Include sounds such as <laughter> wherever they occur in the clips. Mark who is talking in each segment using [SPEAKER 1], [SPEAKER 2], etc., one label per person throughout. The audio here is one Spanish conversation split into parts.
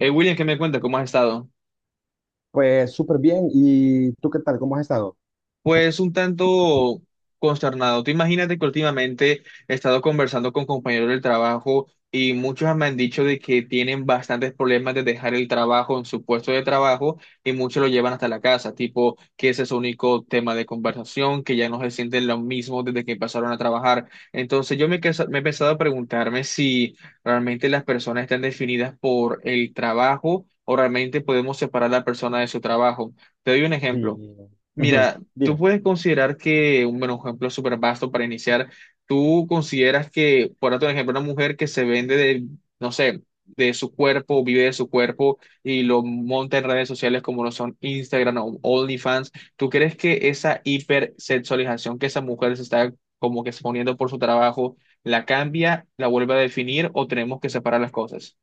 [SPEAKER 1] William, ¿qué me cuenta? ¿Cómo has estado?
[SPEAKER 2] Pues súper bien. ¿Y tú qué tal? ¿Cómo has estado?
[SPEAKER 1] Pues un tanto consternado. Tú imagínate que últimamente he estado conversando con compañeros del trabajo y muchos me han dicho de que tienen bastantes problemas de dejar el trabajo en su puesto de trabajo y muchos lo llevan hasta la casa, tipo que ese es su único tema de conversación, que ya no se sienten lo mismo desde que empezaron a trabajar. Entonces yo me he empezado a preguntarme si realmente las personas están definidas por el trabajo o realmente podemos separar a la persona de su trabajo. Te doy un ejemplo.
[SPEAKER 2] Sí, ujú,
[SPEAKER 1] Mira, tú
[SPEAKER 2] dime.
[SPEAKER 1] puedes considerar que, un buen ejemplo súper vasto para iniciar, tú consideras que, por otro ejemplo, una mujer que se vende de, no sé, de su cuerpo, vive de su cuerpo y lo monta en redes sociales como lo son Instagram o OnlyFans, ¿tú crees que esa hipersexualización que esa mujer se está como que exponiendo por su trabajo, la cambia, la vuelve a definir o tenemos que separar las cosas?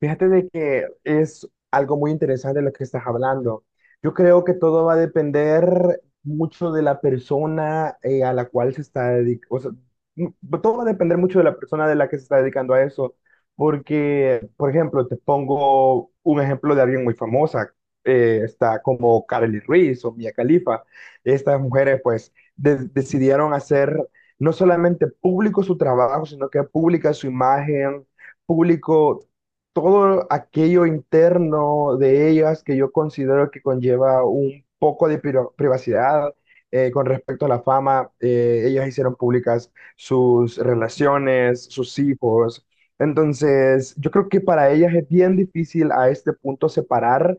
[SPEAKER 2] Fíjate de que es algo muy interesante lo que estás hablando. Yo creo que todo va a depender mucho de la persona a la cual se está dedicando. O sea, m- todo va a depender mucho de la persona de la que se está dedicando a eso. Porque, por ejemplo, te pongo un ejemplo de alguien muy famosa. Está como Kareli Ruiz o Mia Khalifa. Estas mujeres, pues, decidieron hacer no solamente público su trabajo, sino que pública su imagen público todo aquello interno de ellas que yo considero que conlleva un poco de privacidad con respecto a la fama. Ellas hicieron públicas sus relaciones, sus hijos. Entonces, yo creo que para ellas es bien difícil a este punto separar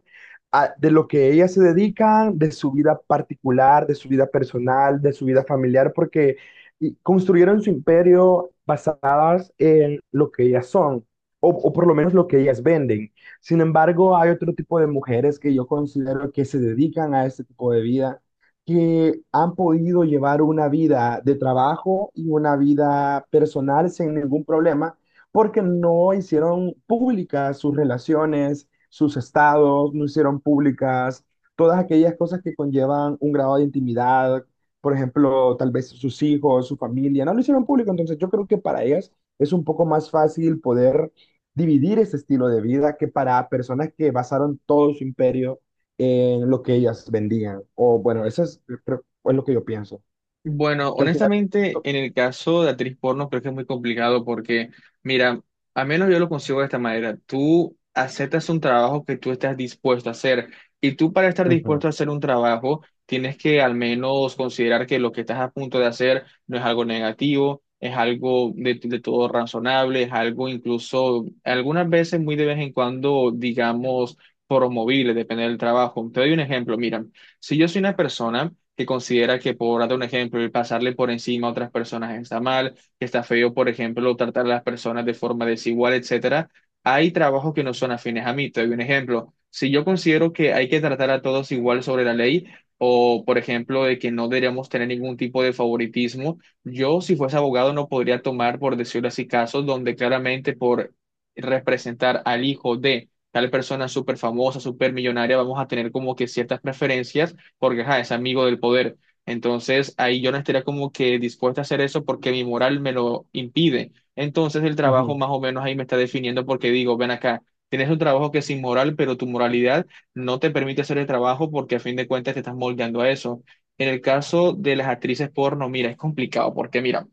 [SPEAKER 2] de lo que ellas se dedican, de su vida particular, de su vida personal, de su vida familiar, porque y construyeron su imperio basadas en lo que ellas son o por lo menos lo que ellas venden. Sin embargo, hay otro tipo de mujeres que yo considero que se dedican a este tipo de vida, que han podido llevar una vida de trabajo y una vida personal sin ningún problema, porque no hicieron públicas sus relaciones, sus estados, no hicieron públicas todas aquellas cosas que conllevan un grado de intimidad, por ejemplo, tal vez sus hijos, su familia, no lo hicieron público. Entonces yo creo que para ellas es un poco más fácil poder dividir ese estilo de vida que para personas que basaron todo su imperio en lo que ellas vendían. O bueno, eso es, es lo que yo pienso,
[SPEAKER 1] Bueno,
[SPEAKER 2] que al final...
[SPEAKER 1] honestamente, en el caso de actriz porno creo que es muy complicado porque, mira, al menos yo lo consigo de esta manera, tú aceptas un trabajo que tú estás dispuesto a hacer y tú para estar
[SPEAKER 2] Ujú,
[SPEAKER 1] dispuesto a hacer un trabajo tienes que al menos considerar que lo que estás a punto de hacer no es algo negativo, es algo de todo razonable, es algo incluso algunas veces muy de vez en cuando, digamos, promovible, depende del trabajo. Te doy un ejemplo, mira, si yo soy una persona que considera que, por darte un ejemplo, el pasarle por encima a otras personas está mal, que está feo, por ejemplo, tratar a las personas de forma desigual, etcétera, hay trabajos que no son afines a mí. Te doy un ejemplo. Si yo considero que hay que tratar a todos igual sobre la ley, o por ejemplo, de que no deberíamos tener ningún tipo de favoritismo, yo, si fuese abogado, no podría tomar, por decirlo así, casos donde claramente por representar al hijo de tal persona súper famosa, súper millonaria, vamos a tener como que ciertas preferencias porque ajá, es amigo del poder. Entonces ahí yo no estaría como que dispuesta a hacer eso porque mi moral me lo impide. Entonces el trabajo
[SPEAKER 2] ujú,
[SPEAKER 1] más o menos ahí me está definiendo porque digo, ven acá, tienes un trabajo que es inmoral, pero tu moralidad no te permite hacer el trabajo porque a fin de cuentas te estás moldeando a eso. En el caso de las actrices porno, mira, es complicado porque mira,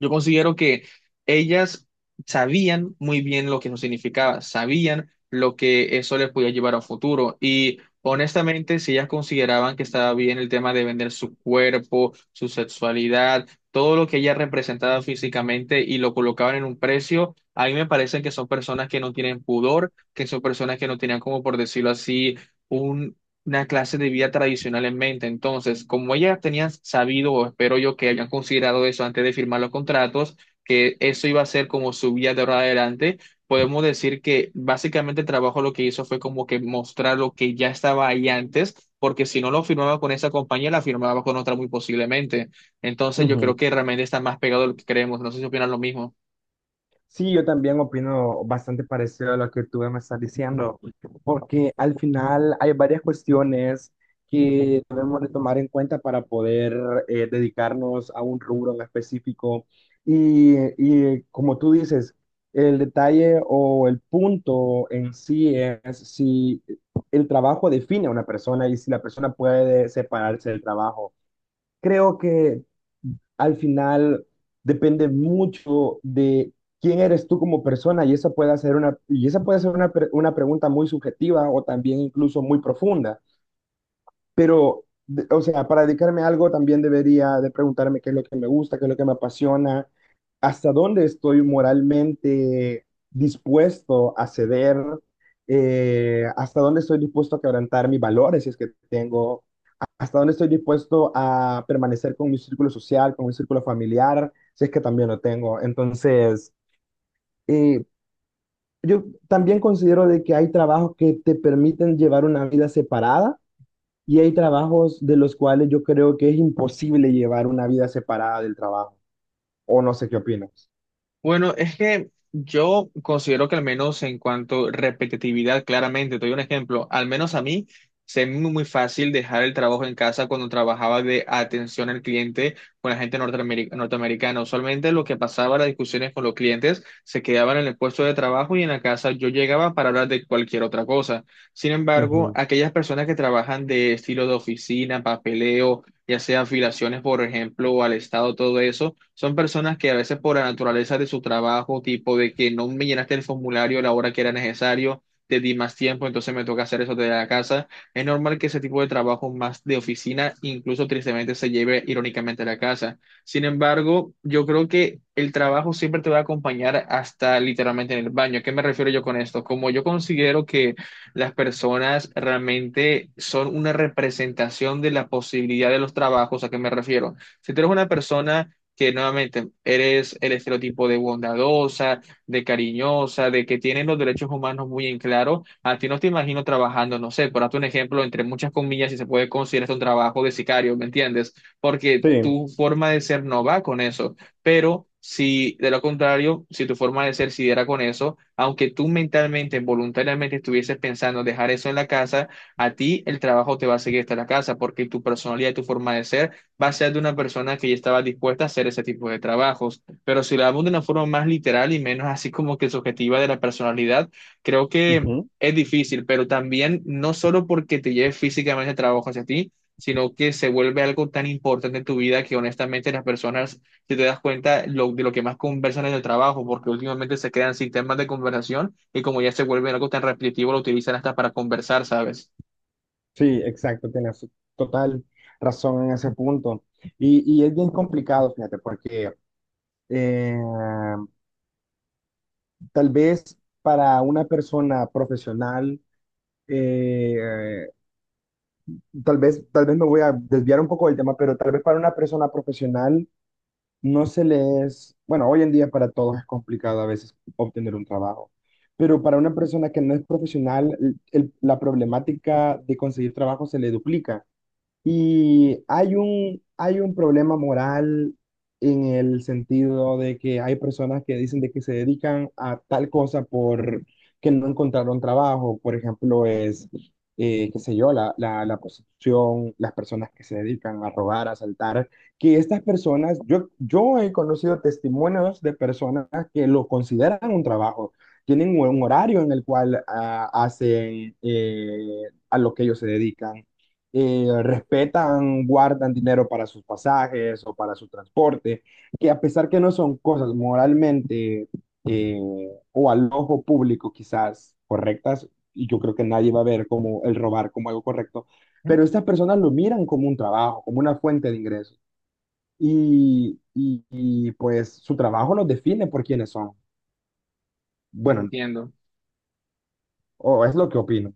[SPEAKER 1] yo considero que ellas sabían muy bien lo que eso significaba, sabían lo que eso les podía llevar a un futuro y honestamente, si ellas consideraban que estaba bien el tema de vender su cuerpo, su sexualidad, todo lo que ella representaba físicamente y lo colocaban en un precio, a mí me parece que son personas que no tienen pudor, que son personas que no tenían como por decirlo así una clase de vida tradicional en mente. Entonces, como ellas tenían sabido, o espero yo que hayan considerado eso antes de firmar los contratos, que eso iba a ser como su vida de ahora adelante, podemos decir que básicamente el trabajo lo que hizo fue como que mostrar lo que ya estaba ahí antes, porque si no lo firmaba con esa compañía, la firmaba con otra muy posiblemente. Entonces, yo creo
[SPEAKER 2] ujú.
[SPEAKER 1] que realmente está más pegado de lo que creemos. No sé si opinan lo mismo.
[SPEAKER 2] Sí, yo también opino bastante parecido a lo que tú me estás diciendo, porque al final hay varias cuestiones que debemos de tomar en cuenta para poder dedicarnos a un rubro en específico. Y, y como tú dices, el detalle o el punto en sí es si el trabajo define a una persona y si la persona puede separarse del trabajo. Creo que al final depende mucho de quién eres tú como persona y esa puede ser una, y esa puede ser una, pre- una pregunta muy subjetiva o también incluso muy profunda. Pero, o sea, para dedicarme a algo también debería de preguntarme qué es lo que me gusta, qué es lo que me apasiona, hasta dónde estoy moralmente dispuesto a ceder, hasta dónde estoy dispuesto a quebrantar mis valores, si es que tengo, hasta dónde estoy dispuesto a permanecer con mi círculo social, con mi círculo familiar, si es que también lo tengo. Entonces, eh, yo también considero de que hay trabajos que te permiten llevar una vida separada y hay trabajos de los cuales yo creo que es imposible llevar una vida separada del trabajo. O no sé qué opinas.
[SPEAKER 1] Bueno, es que yo considero que al menos en cuanto a repetitividad, claramente, te doy un ejemplo, al menos a mí se me hizo muy fácil dejar el trabajo en casa cuando trabajaba de atención al cliente con la gente norteamericana. Usualmente lo que pasaba, las discusiones con los clientes, se quedaban en el puesto de trabajo y en la casa yo llegaba para hablar de cualquier otra cosa. Sin embargo,
[SPEAKER 2] Ujú.
[SPEAKER 1] aquellas personas que trabajan de estilo de oficina, papeleo, ya sea afiliaciones, por ejemplo, al Estado, todo eso, son personas que a veces por la naturaleza de su trabajo, tipo de que no me llenaste el formulario a la hora que era necesario, te di más tiempo, entonces me toca hacer eso desde la casa. Es normal que ese tipo de trabajo más de oficina, incluso tristemente, se lleve irónicamente a la casa. Sin embargo, yo creo que el trabajo siempre te va a acompañar hasta literalmente en el baño. ¿A qué me refiero yo con esto? Como yo considero que las personas realmente son una representación de la posibilidad de los trabajos. ¿A qué me refiero? Si tú eres una persona que nuevamente eres el estereotipo de bondadosa, de cariñosa, de que tiene los derechos humanos muy en claro, a ti no te imagino trabajando, no sé, por darte un ejemplo, entre muchas comillas, si se puede considerar esto un trabajo de sicario, ¿me entiendes? Porque
[SPEAKER 2] Sí,
[SPEAKER 1] tu forma de ser no va con eso, pero... Si de lo contrario, si tu forma de ser sí era con eso, aunque tú mentalmente, voluntariamente estuvieses pensando dejar eso en la casa, a ti el trabajo te va a seguir hasta la casa porque tu personalidad y tu forma de ser va a ser de una persona que ya estaba dispuesta a hacer ese tipo de trabajos. Pero si lo hablamos de una forma más literal y menos así como que subjetiva de la personalidad, creo que
[SPEAKER 2] ujú.
[SPEAKER 1] es difícil, pero también no solo porque te lleve físicamente el trabajo hacia ti, sino que se vuelve algo tan importante en tu vida que honestamente las personas si te das cuenta, lo, de lo que más conversan en el trabajo, porque últimamente se crean sistemas de conversación y como ya se vuelve algo tan repetitivo, lo utilizan hasta para conversar, ¿sabes?
[SPEAKER 2] Sí, exacto, tienes total razón en ese punto. Y es bien complicado, fíjate, porque eh, tal vez para una persona profesional, eh, eh, tal vez me voy a desviar un poco del tema, pero tal vez para una persona profesional no se le es, bueno, hoy en día para todos es complicado a veces obtener un trabajo, pero para una persona que no es profesional, la problemática de conseguir trabajo se le duplica. Y hay un problema moral en el sentido de que hay personas que dicen de que se dedican a tal cosa por que no encontraron trabajo. Por ejemplo, es, qué sé yo, la prostitución, las personas que se dedican a robar, a asaltar, que estas personas, yo he conocido testimonios de personas que lo consideran un trabajo. Tienen un horario en el cual hacen a lo que ellos se dedican, respetan, guardan dinero para sus pasajes o para su transporte, que a pesar que no son cosas moralmente eh, o al ojo público quizás correctas, y yo creo que nadie va a ver como el robar como algo correcto, pero estas personas lo miran como un trabajo, como una fuente de ingresos. Y pues su trabajo los define por quiénes son. Bueno,
[SPEAKER 1] Entiendo.
[SPEAKER 2] o es lo que opino.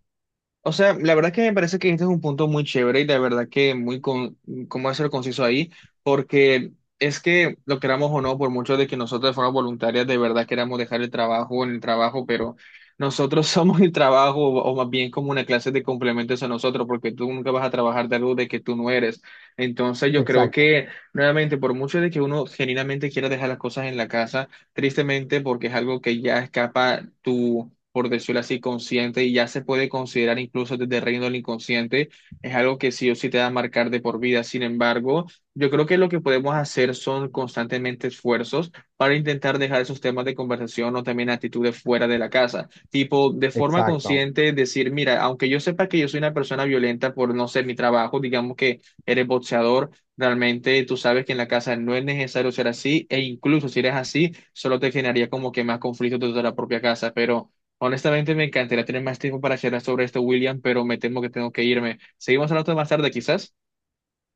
[SPEAKER 1] O sea, la verdad que me parece que este es un punto muy chévere y de verdad que muy con, cómo ser conciso ahí, porque es que lo queramos o no, por mucho de que nosotros de forma voluntaria de verdad queramos dejar el trabajo en el trabajo, pero nosotros <laughs> somos el trabajo o más bien como una clase de complementos a nosotros, porque tú nunca vas a trabajar de algo de que tú no eres. Entonces yo creo
[SPEAKER 2] Exacto.
[SPEAKER 1] que nuevamente, por mucho de que uno genuinamente quiera dejar las cosas en la casa, tristemente porque es algo que ya escapa tu por decirlo así, consciente y ya se puede considerar incluso desde el reino del inconsciente, es algo que sí o sí te va a marcar de por vida. Sin embargo, yo creo que lo que podemos hacer son constantemente esfuerzos para intentar dejar esos temas de conversación o también actitudes fuera de la casa. Tipo, de
[SPEAKER 2] Sí,
[SPEAKER 1] forma
[SPEAKER 2] exacto.
[SPEAKER 1] consciente decir, mira, aunque yo sepa que yo soy una persona violenta por no ser mi trabajo, digamos que eres boxeador. Realmente tú sabes que en la casa no es necesario ser así, e incluso si eres así, solo te generaría como que más conflictos dentro de la propia casa. Pero honestamente, me encantaría tener más tiempo para charlar sobre esto, William, pero me temo que tengo que irme. Seguimos hablando más tarde, quizás.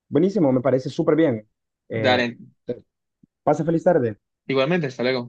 [SPEAKER 2] Buenísimo, me parece súper bien. Eh,
[SPEAKER 1] Dale,
[SPEAKER 2] pase feliz tarde.
[SPEAKER 1] igualmente, hasta luego.